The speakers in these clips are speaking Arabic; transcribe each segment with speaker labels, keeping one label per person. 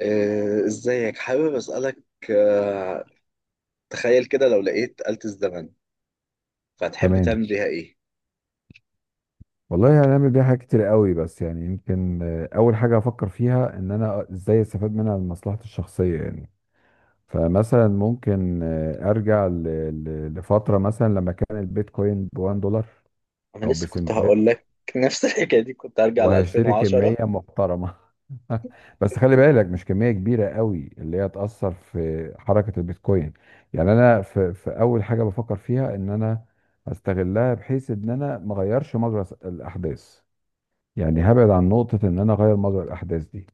Speaker 1: ازيك حابب اسالك؟ آه، تخيل كده لو لقيت آلة الزمن، فهتحب
Speaker 2: تمام.
Speaker 1: تعمل بيها ايه؟
Speaker 2: والله هنعمل بيها حاجات كتير قوي، بس يعني يمكن اول حاجه افكر فيها ان انا ازاي استفاد منها لمصلحتي الشخصيه يعني. فمثلا ممكن ارجع لفتره مثلا لما كان البيتكوين ب 1 دولار
Speaker 1: انا
Speaker 2: او
Speaker 1: لسه كنت هقول
Speaker 2: بسنتات،
Speaker 1: لك نفس الحكايه دي، كنت هرجع ل
Speaker 2: وهشتري
Speaker 1: 2010.
Speaker 2: كميه محترمه. بس خلي بالك مش كميه كبيره قوي اللي هي تاثر في حركه البيتكوين. يعني انا في اول حاجه بفكر فيها ان انا استغلها بحيث ان انا ما اغيرش مجرى الاحداث. يعني هبعد عن نقطة إن أنا أغير مجرى الأحداث دي.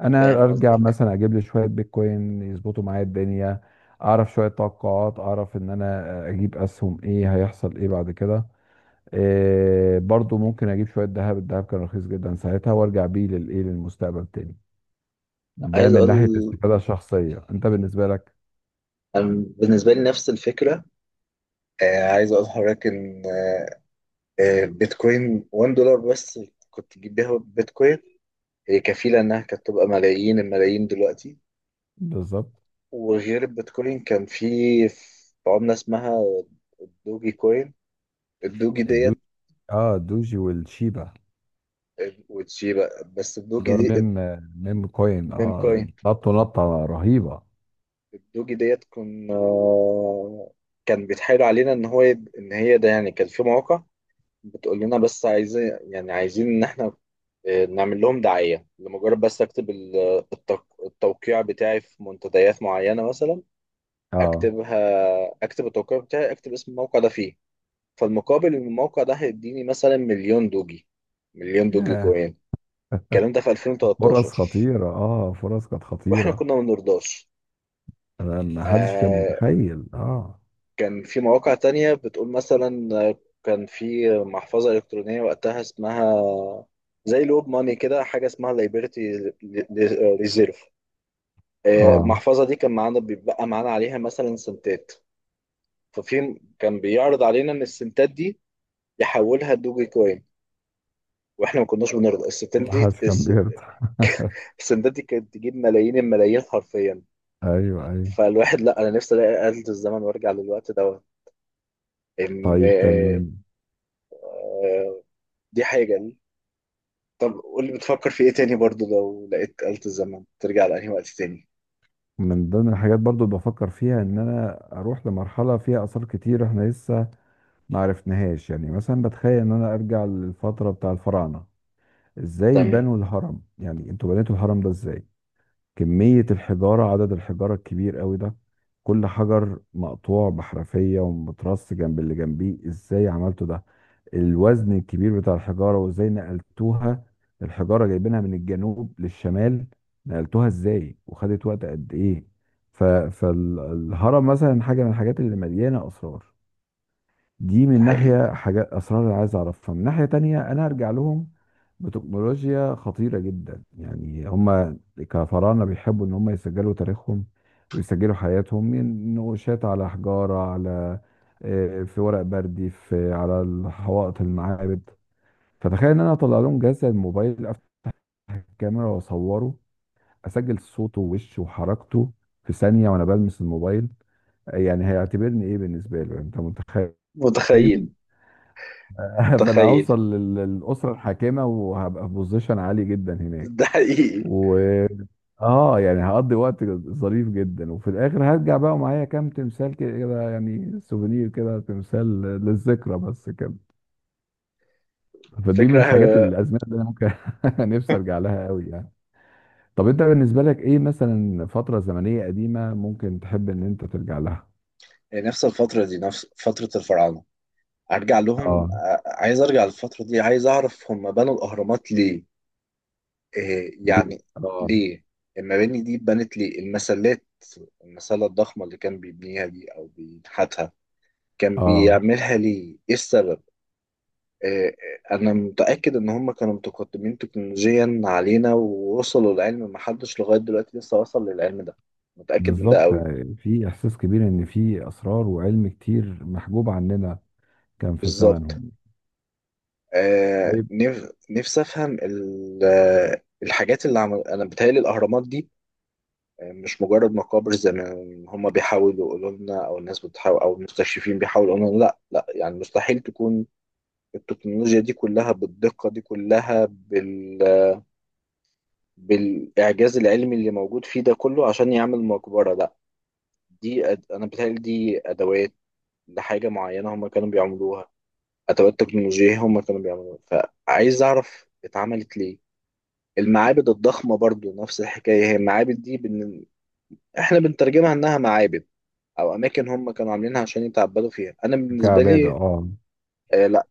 Speaker 2: أنا
Speaker 1: فاهم
Speaker 2: أرجع
Speaker 1: قصدك،
Speaker 2: مثلا أجيب لي شوية بيتكوين يظبطوا معايا الدنيا، أعرف شوية توقعات، أعرف إن أنا أجيب أسهم، إيه هيحصل إيه بعد كده. إيه برضو ممكن أجيب شوية ذهب، الذهب كان رخيص جدا ساعتها، وأرجع بيه للمستقبل تاني. ده
Speaker 1: عايز
Speaker 2: من ناحية
Speaker 1: اقول.
Speaker 2: استفادة شخصية. أنت بالنسبة لك؟
Speaker 1: أنا بالنسبه لي نفس الفكره. عايز اقول لحضرتك ان بيتكوين $1 بس كنت تجيب بيها بيتكوين، هي كفيله انها كانت تبقى ملايين الملايين دلوقتي.
Speaker 2: بالظبط.
Speaker 1: وغير البيتكوين كان في عمله اسمها الدوجي كوين، الدوجي ديت
Speaker 2: الدوجي. اه، الدوجي والشيبا.
Speaker 1: وتشي بقى. بس
Speaker 2: ده
Speaker 1: الدوجي
Speaker 2: ميم،
Speaker 1: دي
Speaker 2: ميم كوين.
Speaker 1: من
Speaker 2: اه،
Speaker 1: كاين
Speaker 2: نط نطة رهيبة.
Speaker 1: الدوجي ديت كنا، كان بيتحايل علينا ان هو يب... ان هي ده، يعني كان في مواقع بتقول لنا بس عايزين، يعني عايزين ان احنا نعمل لهم دعاية، لمجرد بس اكتب ال- التوق... التوقيع بتاعي في منتديات معينة مثلا.
Speaker 2: أه.
Speaker 1: اكتبها، اكتب التوقيع بتاعي، اكتب اسم الموقع ده فيه، فالمقابل ان الموقع ده هيديني مثلا مليون دوجي، مليون دوجي
Speaker 2: ياه.
Speaker 1: كوين. الكلام ده في 2013،
Speaker 2: فرص خطيرة، اه، فرص كانت
Speaker 1: واحنا
Speaker 2: خطيرة.
Speaker 1: كنا ما بنرضاش.
Speaker 2: انا ما حدش كان
Speaker 1: آه
Speaker 2: متخيل، اه.
Speaker 1: كان في مواقع تانية بتقول مثلا، كان في محفظة إلكترونية وقتها اسمها زي لوب ماني كده، حاجة اسمها ليبرتي ريزيرف.
Speaker 2: اه،
Speaker 1: المحفظة دي كان معانا بيبقى معانا عليها مثلا سنتات. ففي كان بيعرض علينا إن السنتات دي يحولها لدوجي كوين، واحنا ما كناش بنرضى. السنتات
Speaker 2: ما
Speaker 1: دي
Speaker 2: حدش كان
Speaker 1: الس-
Speaker 2: بيرضى.
Speaker 1: السنتات دي كانت تجيب ملايين الملايين حرفيا.
Speaker 2: ايوه، ايوه.
Speaker 1: فالواحد، لا انا نفسي الاقي آلة الزمن وارجع للوقت دوت. ان
Speaker 2: طيب، تمام.
Speaker 1: دي حاجة. طب قول لي بتفكر في ايه تاني برضو، لو لقيت آلة الزمن ترجع لأنهي وقت تاني؟
Speaker 2: من ضمن الحاجات برضو اللي بفكر فيها ان انا اروح لمرحلة فيها اثار كتير احنا لسه ما عرفناهاش. يعني مثلا بتخيل ان انا ارجع للفترة بتاع الفراعنة. ازاي
Speaker 1: تمام.
Speaker 2: بنوا الهرم؟ يعني انتوا بنيتوا الهرم ده ازاي؟ كمية الحجارة، عدد الحجارة الكبير قوي ده، كل حجر مقطوع بحرفية ومترص جنب اللي جنبيه، ازاي عملتوا ده؟ الوزن الكبير بتاع الحجارة وازاي نقلتوها؟ الحجارة جايبينها من الجنوب للشمال، نقلتوها ازاي وخدت وقت قد ايه؟ فالهرم مثلا حاجة من الحاجات اللي مليانة أسرار. دي
Speaker 1: ده
Speaker 2: من
Speaker 1: حقيقي.
Speaker 2: ناحية حاجات أسرار اللي عايز أعرفها. من ناحية تانية أنا أرجع لهم بتكنولوجيا خطيرة جدا. يعني هما كفراعنة بيحبوا إن هما يسجلوا تاريخهم ويسجلوا حياتهم من نقوشات على حجارة، على في ورق بردي، في على الحوائط المعابد. فتخيل إن أنا أطلع لهم جهاز زي الموبايل، أفتح الكاميرا وأصوره، أسجل صوته ووشه وحركته في ثانية وأنا بلمس الموبايل. يعني هيعتبرني إيه بالنسبة له؟ يعني أنت متخيل؟
Speaker 1: متخيل.
Speaker 2: فانا
Speaker 1: متخيل.
Speaker 2: هوصل للاسره الحاكمه وهبقى في بوزيشن عالي جدا هناك.
Speaker 1: ده حقيقي.
Speaker 2: و اه يعني هقضي وقت ظريف جدا، وفي الاخر هرجع بقى ومعايا كام تمثال كده، يعني سوفينير كده، تمثال للذكرى بس كده. فدي من
Speaker 1: فكرة.
Speaker 2: الحاجات الازمنه اللي انا ممكن نفسي ارجع لها قوي يعني. طب انت بالنسبه لك ايه مثلا فتره زمنيه قديمه ممكن تحب ان انت ترجع لها؟
Speaker 1: يعني نفس الفترة دي، نفس فترة الفراعنة. أرجع لهم،
Speaker 2: اه.
Speaker 1: ع- عايز أرجع للفترة دي، عايز أعرف هم بنوا الأهرامات ليه، إيه
Speaker 2: ليه؟
Speaker 1: يعني،
Speaker 2: اه.
Speaker 1: ليه. المباني دي اتبنت ليه؟ المسلات، المسلة الضخمة اللي كان بيبنيها دي أو بينحتها، كان
Speaker 2: اه.
Speaker 1: بيعملها ليه؟ إيه السبب؟ آه، انا متاكد ان هم كانوا متقدمين تكنولوجيا علينا، ووصلوا لعلم ما حدش لغايه دلوقتي لسه وصل للعلم ده. متاكد من ده
Speaker 2: بالظبط.
Speaker 1: قوي.
Speaker 2: في احساس كبير ان في اسرار وعلم كتير محجوب عننا كان في
Speaker 1: بالظبط.
Speaker 2: زمانهم.
Speaker 1: آه
Speaker 2: طيب.
Speaker 1: نف... نفسي افهم ال... الحاجات اللي عمل. انا بتهيألي الاهرامات دي مش مجرد مقابر زي ما هم بيحاولوا يقولوا لنا، او الناس بتحاول، او المستكشفين بيحاولوا يقولوا لنا لا لا، يعني مستحيل تكون التكنولوجيا دي كلها بالدقه دي كلها بال... بالإعجاز العلمي اللي موجود فيه ده كله عشان يعمل مقبرة. لأ، دي أد... أنا بتهيألي دي أدوات لحاجة معينة هما كانوا بيعملوها، أدوات تكنولوجية هما كانوا بيعملوها، فعايز أعرف اتعملت ليه. المعابد الضخمة برضو نفس الحكاية، هي المعابد دي بن... إحنا بنترجمها إنها معابد أو أماكن هما كانوا عاملينها عشان يتعبدوا فيها. أنا بالنسبة
Speaker 2: كعباده،
Speaker 1: لي،
Speaker 2: اه.
Speaker 1: آه لأ،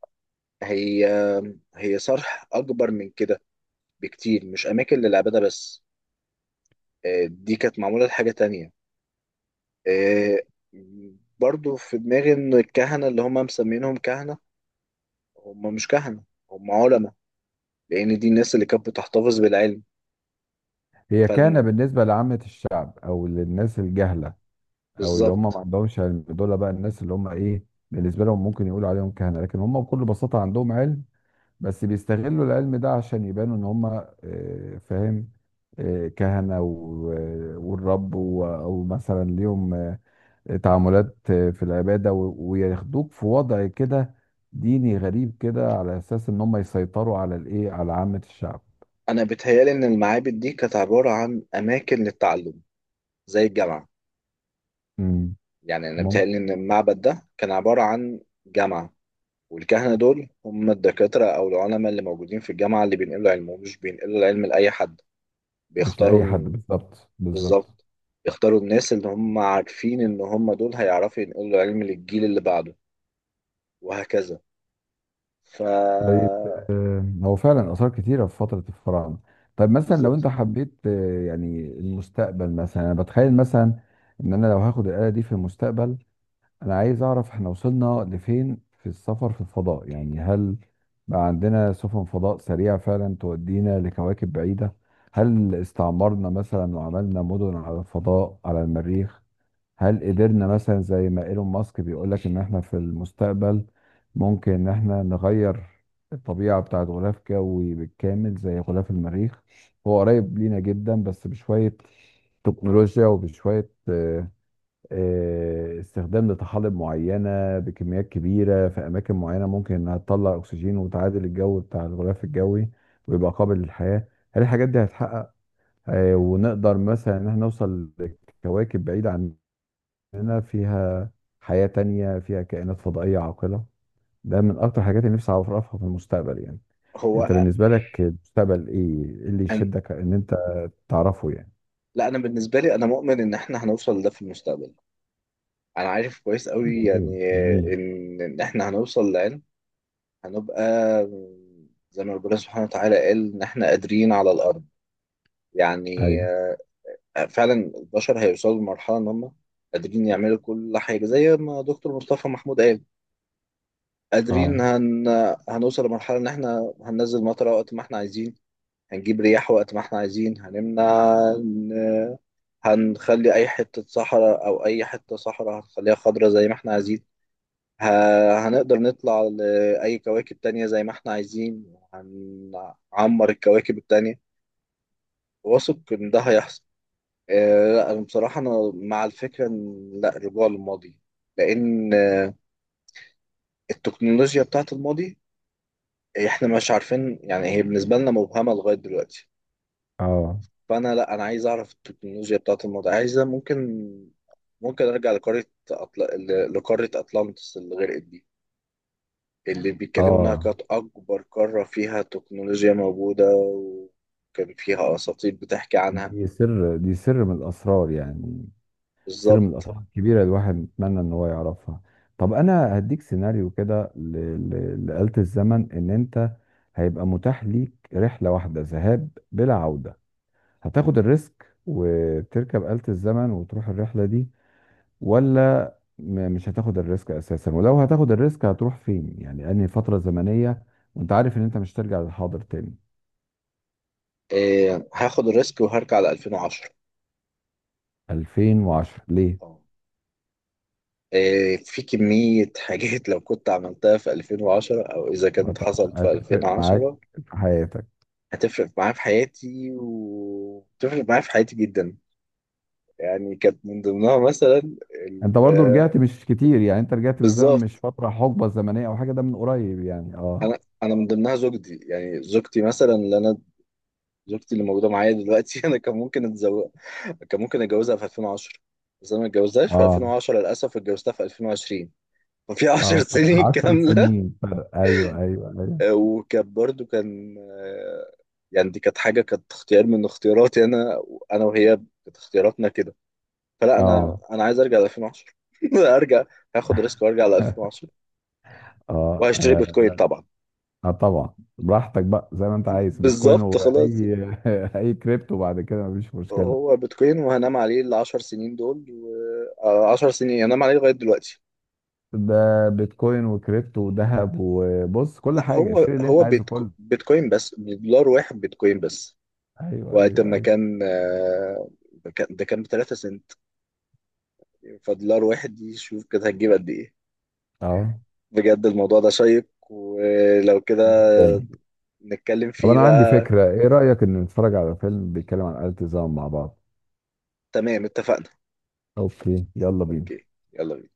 Speaker 1: هي هي صرح أكبر من كده بكتير، مش أماكن للعبادة بس. آه دي كانت معمولة لحاجة تانية. آه، برضو في دماغي ان الكهنة اللي هم مسمينهم كهنة، هم مش كهنة، هم علماء، لان دي الناس اللي كانت بتحتفظ بالعلم.
Speaker 2: هي كان
Speaker 1: فال-
Speaker 2: بالنسبه لعامه الشعب او للناس الجهله او اللي هم ما
Speaker 1: بالظبط.
Speaker 2: عندهمش علم، دول بقى الناس اللي هم ايه بالنسبه لهم ممكن يقولوا عليهم كهنه، لكن هم بكل بساطه عندهم علم، بس بيستغلوا العلم ده عشان يبانوا ان هم فاهم؟ كهنه والرب او مثلا ليهم تعاملات في العبادة وياخدوك في وضع كده ديني غريب كده، على أساس إن هم يسيطروا على على عامة الشعب.
Speaker 1: انا بتهيالي ان المعابد دي كانت عبارة عن اماكن للتعلم، زي الجامعة.
Speaker 2: مم.
Speaker 1: يعني انا
Speaker 2: ممكن.
Speaker 1: بتهيالي ان المعبد ده كان عبارة عن جامعة، والكهنة دول هم الدكاترة او العلماء اللي موجودين في الجامعة اللي بينقلوا علمهم، مش بينقلوا العلم لأي حد،
Speaker 2: مش لأي حد،
Speaker 1: بيختاروا.
Speaker 2: بالظبط، بالظبط.
Speaker 1: بالظبط، يختاروا الناس اللي هم عارفين ان هم دول هيعرفوا ينقلوا العلم للجيل اللي بعده، وهكذا. ف
Speaker 2: طيب. هو فعلا آثار كتيرة في فترة الفراعنة. طيب مثلا لو أنت
Speaker 1: بالظبط.
Speaker 2: حبيت يعني المستقبل مثلا، أنا بتخيل مثلا إن أنا لو هاخد الآلة دي في المستقبل، انا عايز اعرف احنا وصلنا لفين في السفر في الفضاء. يعني هل بقى عندنا سفن فضاء سريعة فعلا تودينا لكواكب بعيدة؟ هل استعمرنا مثلا وعملنا مدن على الفضاء، على المريخ؟ هل قدرنا مثلا زي ما ايلون ماسك بيقولك ان احنا في المستقبل ممكن ان احنا نغير الطبيعة بتاعت غلاف جوي بالكامل زي غلاف المريخ؟ هو قريب لينا جدا، بس بشوية تكنولوجيا وبشوية استخدام لطحالب معينة بكميات كبيرة في أماكن معينة ممكن إنها تطلع أكسجين وتعادل الجو بتاع الغلاف الجوي ويبقى قابل للحياة. هل الحاجات دي هتحقق؟ ونقدر مثلا إن احنا نوصل لكواكب بعيدة عننا فيها حياة تانية، فيها كائنات فضائية عاقلة. ده من أكتر الحاجات اللي نفسي أعرفها في المستقبل يعني.
Speaker 1: هو
Speaker 2: أنت بالنسبة لك المستقبل إيه؟ إيه اللي
Speaker 1: أن...
Speaker 2: يشدك إن أنت تعرفه يعني؟
Speaker 1: لا انا بالنسبه لي انا مؤمن ان احنا هنوصل لده في المستقبل. انا عارف كويس قوي،
Speaker 2: جميل،
Speaker 1: يعني
Speaker 2: جميل.
Speaker 1: ان احنا هنوصل لعلم، هنبقى زي ما ربنا سبحانه وتعالى قال ان احنا قادرين على الارض. يعني
Speaker 2: أيوه.
Speaker 1: فعلا البشر هيوصلوا لمرحله ان هم قادرين يعملوا كل حاجه زي ما دكتور مصطفى محمود قال.
Speaker 2: أه.
Speaker 1: قادرين هن... هنوصل لمرحلة إن إحنا هننزل مطرة وقت ما إحنا عايزين، هنجيب رياح وقت ما إحنا عايزين، هنمنع إن- هنخلي أي حتة صحراء، أو أي حتة صحراء هنخليها خضراء زي ما إحنا عايزين. ه... هنقدر نطلع لأي كواكب تانية زي ما إحنا عايزين، هنعمر الكواكب التانية. واثق إن ده هيحصل. لا أنا بصراحة أنا مع الفكرة إن لا رجوع للماضي، لأن التكنولوجيا بتاعت الماضي احنا مش عارفين، يعني هي بالنسبة لنا مبهمة لغاية دلوقتي.
Speaker 2: أه.
Speaker 1: فانا لا انا عايز اعرف التكنولوجيا بتاعت الموضوع عايزة. ممكن ارجع لقارة، أطل... ل- لقارة اطلانتس اللي غرقت دي، اللي بيتكلموا انها
Speaker 2: أه.
Speaker 1: كانت اكبر قارة فيها تكنولوجيا موجودة، وكان فيها اساطير بتحكي عنها.
Speaker 2: دي سر، دي سر من الأسرار يعني. سر من
Speaker 1: بالظبط.
Speaker 2: الأسرار الكبيرة الواحد يتمنى إن هو يعرفها. طب أنا هديك سيناريو كده لآلة الزمن. إن أنت هيبقى متاح ليك رحلة واحدة ذهاب بلا عودة، هتاخد الريسك وتركب آلة الزمن وتروح الرحلة دي، ولا مش هتاخد الريسك أساسا؟ ولو هتاخد الريسك هتروح فين يعني أنهي فترة زمنية، وأنت عارف إن أنت مش هترجع للحاضر تاني؟
Speaker 1: إيه، هاخد الريسك وهرجع ل 2010.
Speaker 2: 2010 ليه؟
Speaker 1: آه. إيه، في كمية حاجات لو كنت عملتها في 2010 او اذا كانت حصلت في
Speaker 2: هتفرق معاك
Speaker 1: 2010
Speaker 2: في حياتك؟
Speaker 1: هتفرق معايا في حياتي، وتفرق معايا في حياتي جدا. يعني كانت من ضمنها مثلا
Speaker 2: انت
Speaker 1: ال-
Speaker 2: برضو رجعت مش كتير يعني، انت رجعت بالزمن مش
Speaker 1: بالظبط.
Speaker 2: فترة حقبة زمنية او حاجة، ده من قريب يعني. اه.
Speaker 1: انا من ضمنها زوجتي، يعني زوجتي مثلا اللي انا، زوجتي اللي موجوده معايا دلوقتي انا كان ممكن اتزوج، كان ممكن اتجوزها في 2010 بس انا ما اتجوزتهاش في
Speaker 2: اه.
Speaker 1: 2010 للاسف، اتجوزتها في 2020. ففي 10
Speaker 2: اه، فرق
Speaker 1: سنين
Speaker 2: 10
Speaker 1: كامله.
Speaker 2: سنين، فرق، ايوه ايوه ايوه.
Speaker 1: وكان برضو كان يعني دي كانت حاجه، كانت اختيار من اختياراتي انا، انا وهي، كانت اختياراتنا كده. فلا
Speaker 2: اه.
Speaker 1: انا عايز ارجع ل 2010 ارجع هاخد ريسك وارجع ل 2010
Speaker 2: اه،
Speaker 1: وهشتري
Speaker 2: انا
Speaker 1: بيتكوين
Speaker 2: لا.
Speaker 1: طبعا.
Speaker 2: اه، طبعا، براحتك بقى زي ما انت عايز، بيتكوين
Speaker 1: بالظبط خلاص.
Speaker 2: واي اي كريبتو بعد كده مفيش مشكلة.
Speaker 1: هو بيتكوين وهنام عليه ال 10 سنين دول، و 10 سنين هنام عليه لغايه دلوقتي.
Speaker 2: ده بيتكوين وكريبتو وذهب، وبص كل
Speaker 1: لا،
Speaker 2: حاجة
Speaker 1: هو
Speaker 2: اشتري اللي انت
Speaker 1: هو
Speaker 2: عايزه
Speaker 1: بيتكو...
Speaker 2: كله.
Speaker 1: بيتكوين بس، بدولار واحد بيتكوين بس.
Speaker 2: ايوه
Speaker 1: وقت
Speaker 2: ايوه
Speaker 1: ما
Speaker 2: ايوه.
Speaker 1: كان كان- ده كان ب 3 سنت، فدولار واحد دي شوف كده هتجيب قد ايه.
Speaker 2: اه،
Speaker 1: بجد الموضوع ده شيق، ولو كده
Speaker 2: جدا.
Speaker 1: نتكلم
Speaker 2: طب
Speaker 1: فيه
Speaker 2: انا عندي
Speaker 1: بقى.
Speaker 2: فكرة، ايه رأيك ان نتفرج على فيلم بيتكلم عن آلة الزمن مع بعض؟
Speaker 1: تمام، اتفقنا.
Speaker 2: اوكي، يلا بينا.
Speaker 1: اوكي يلا بينا.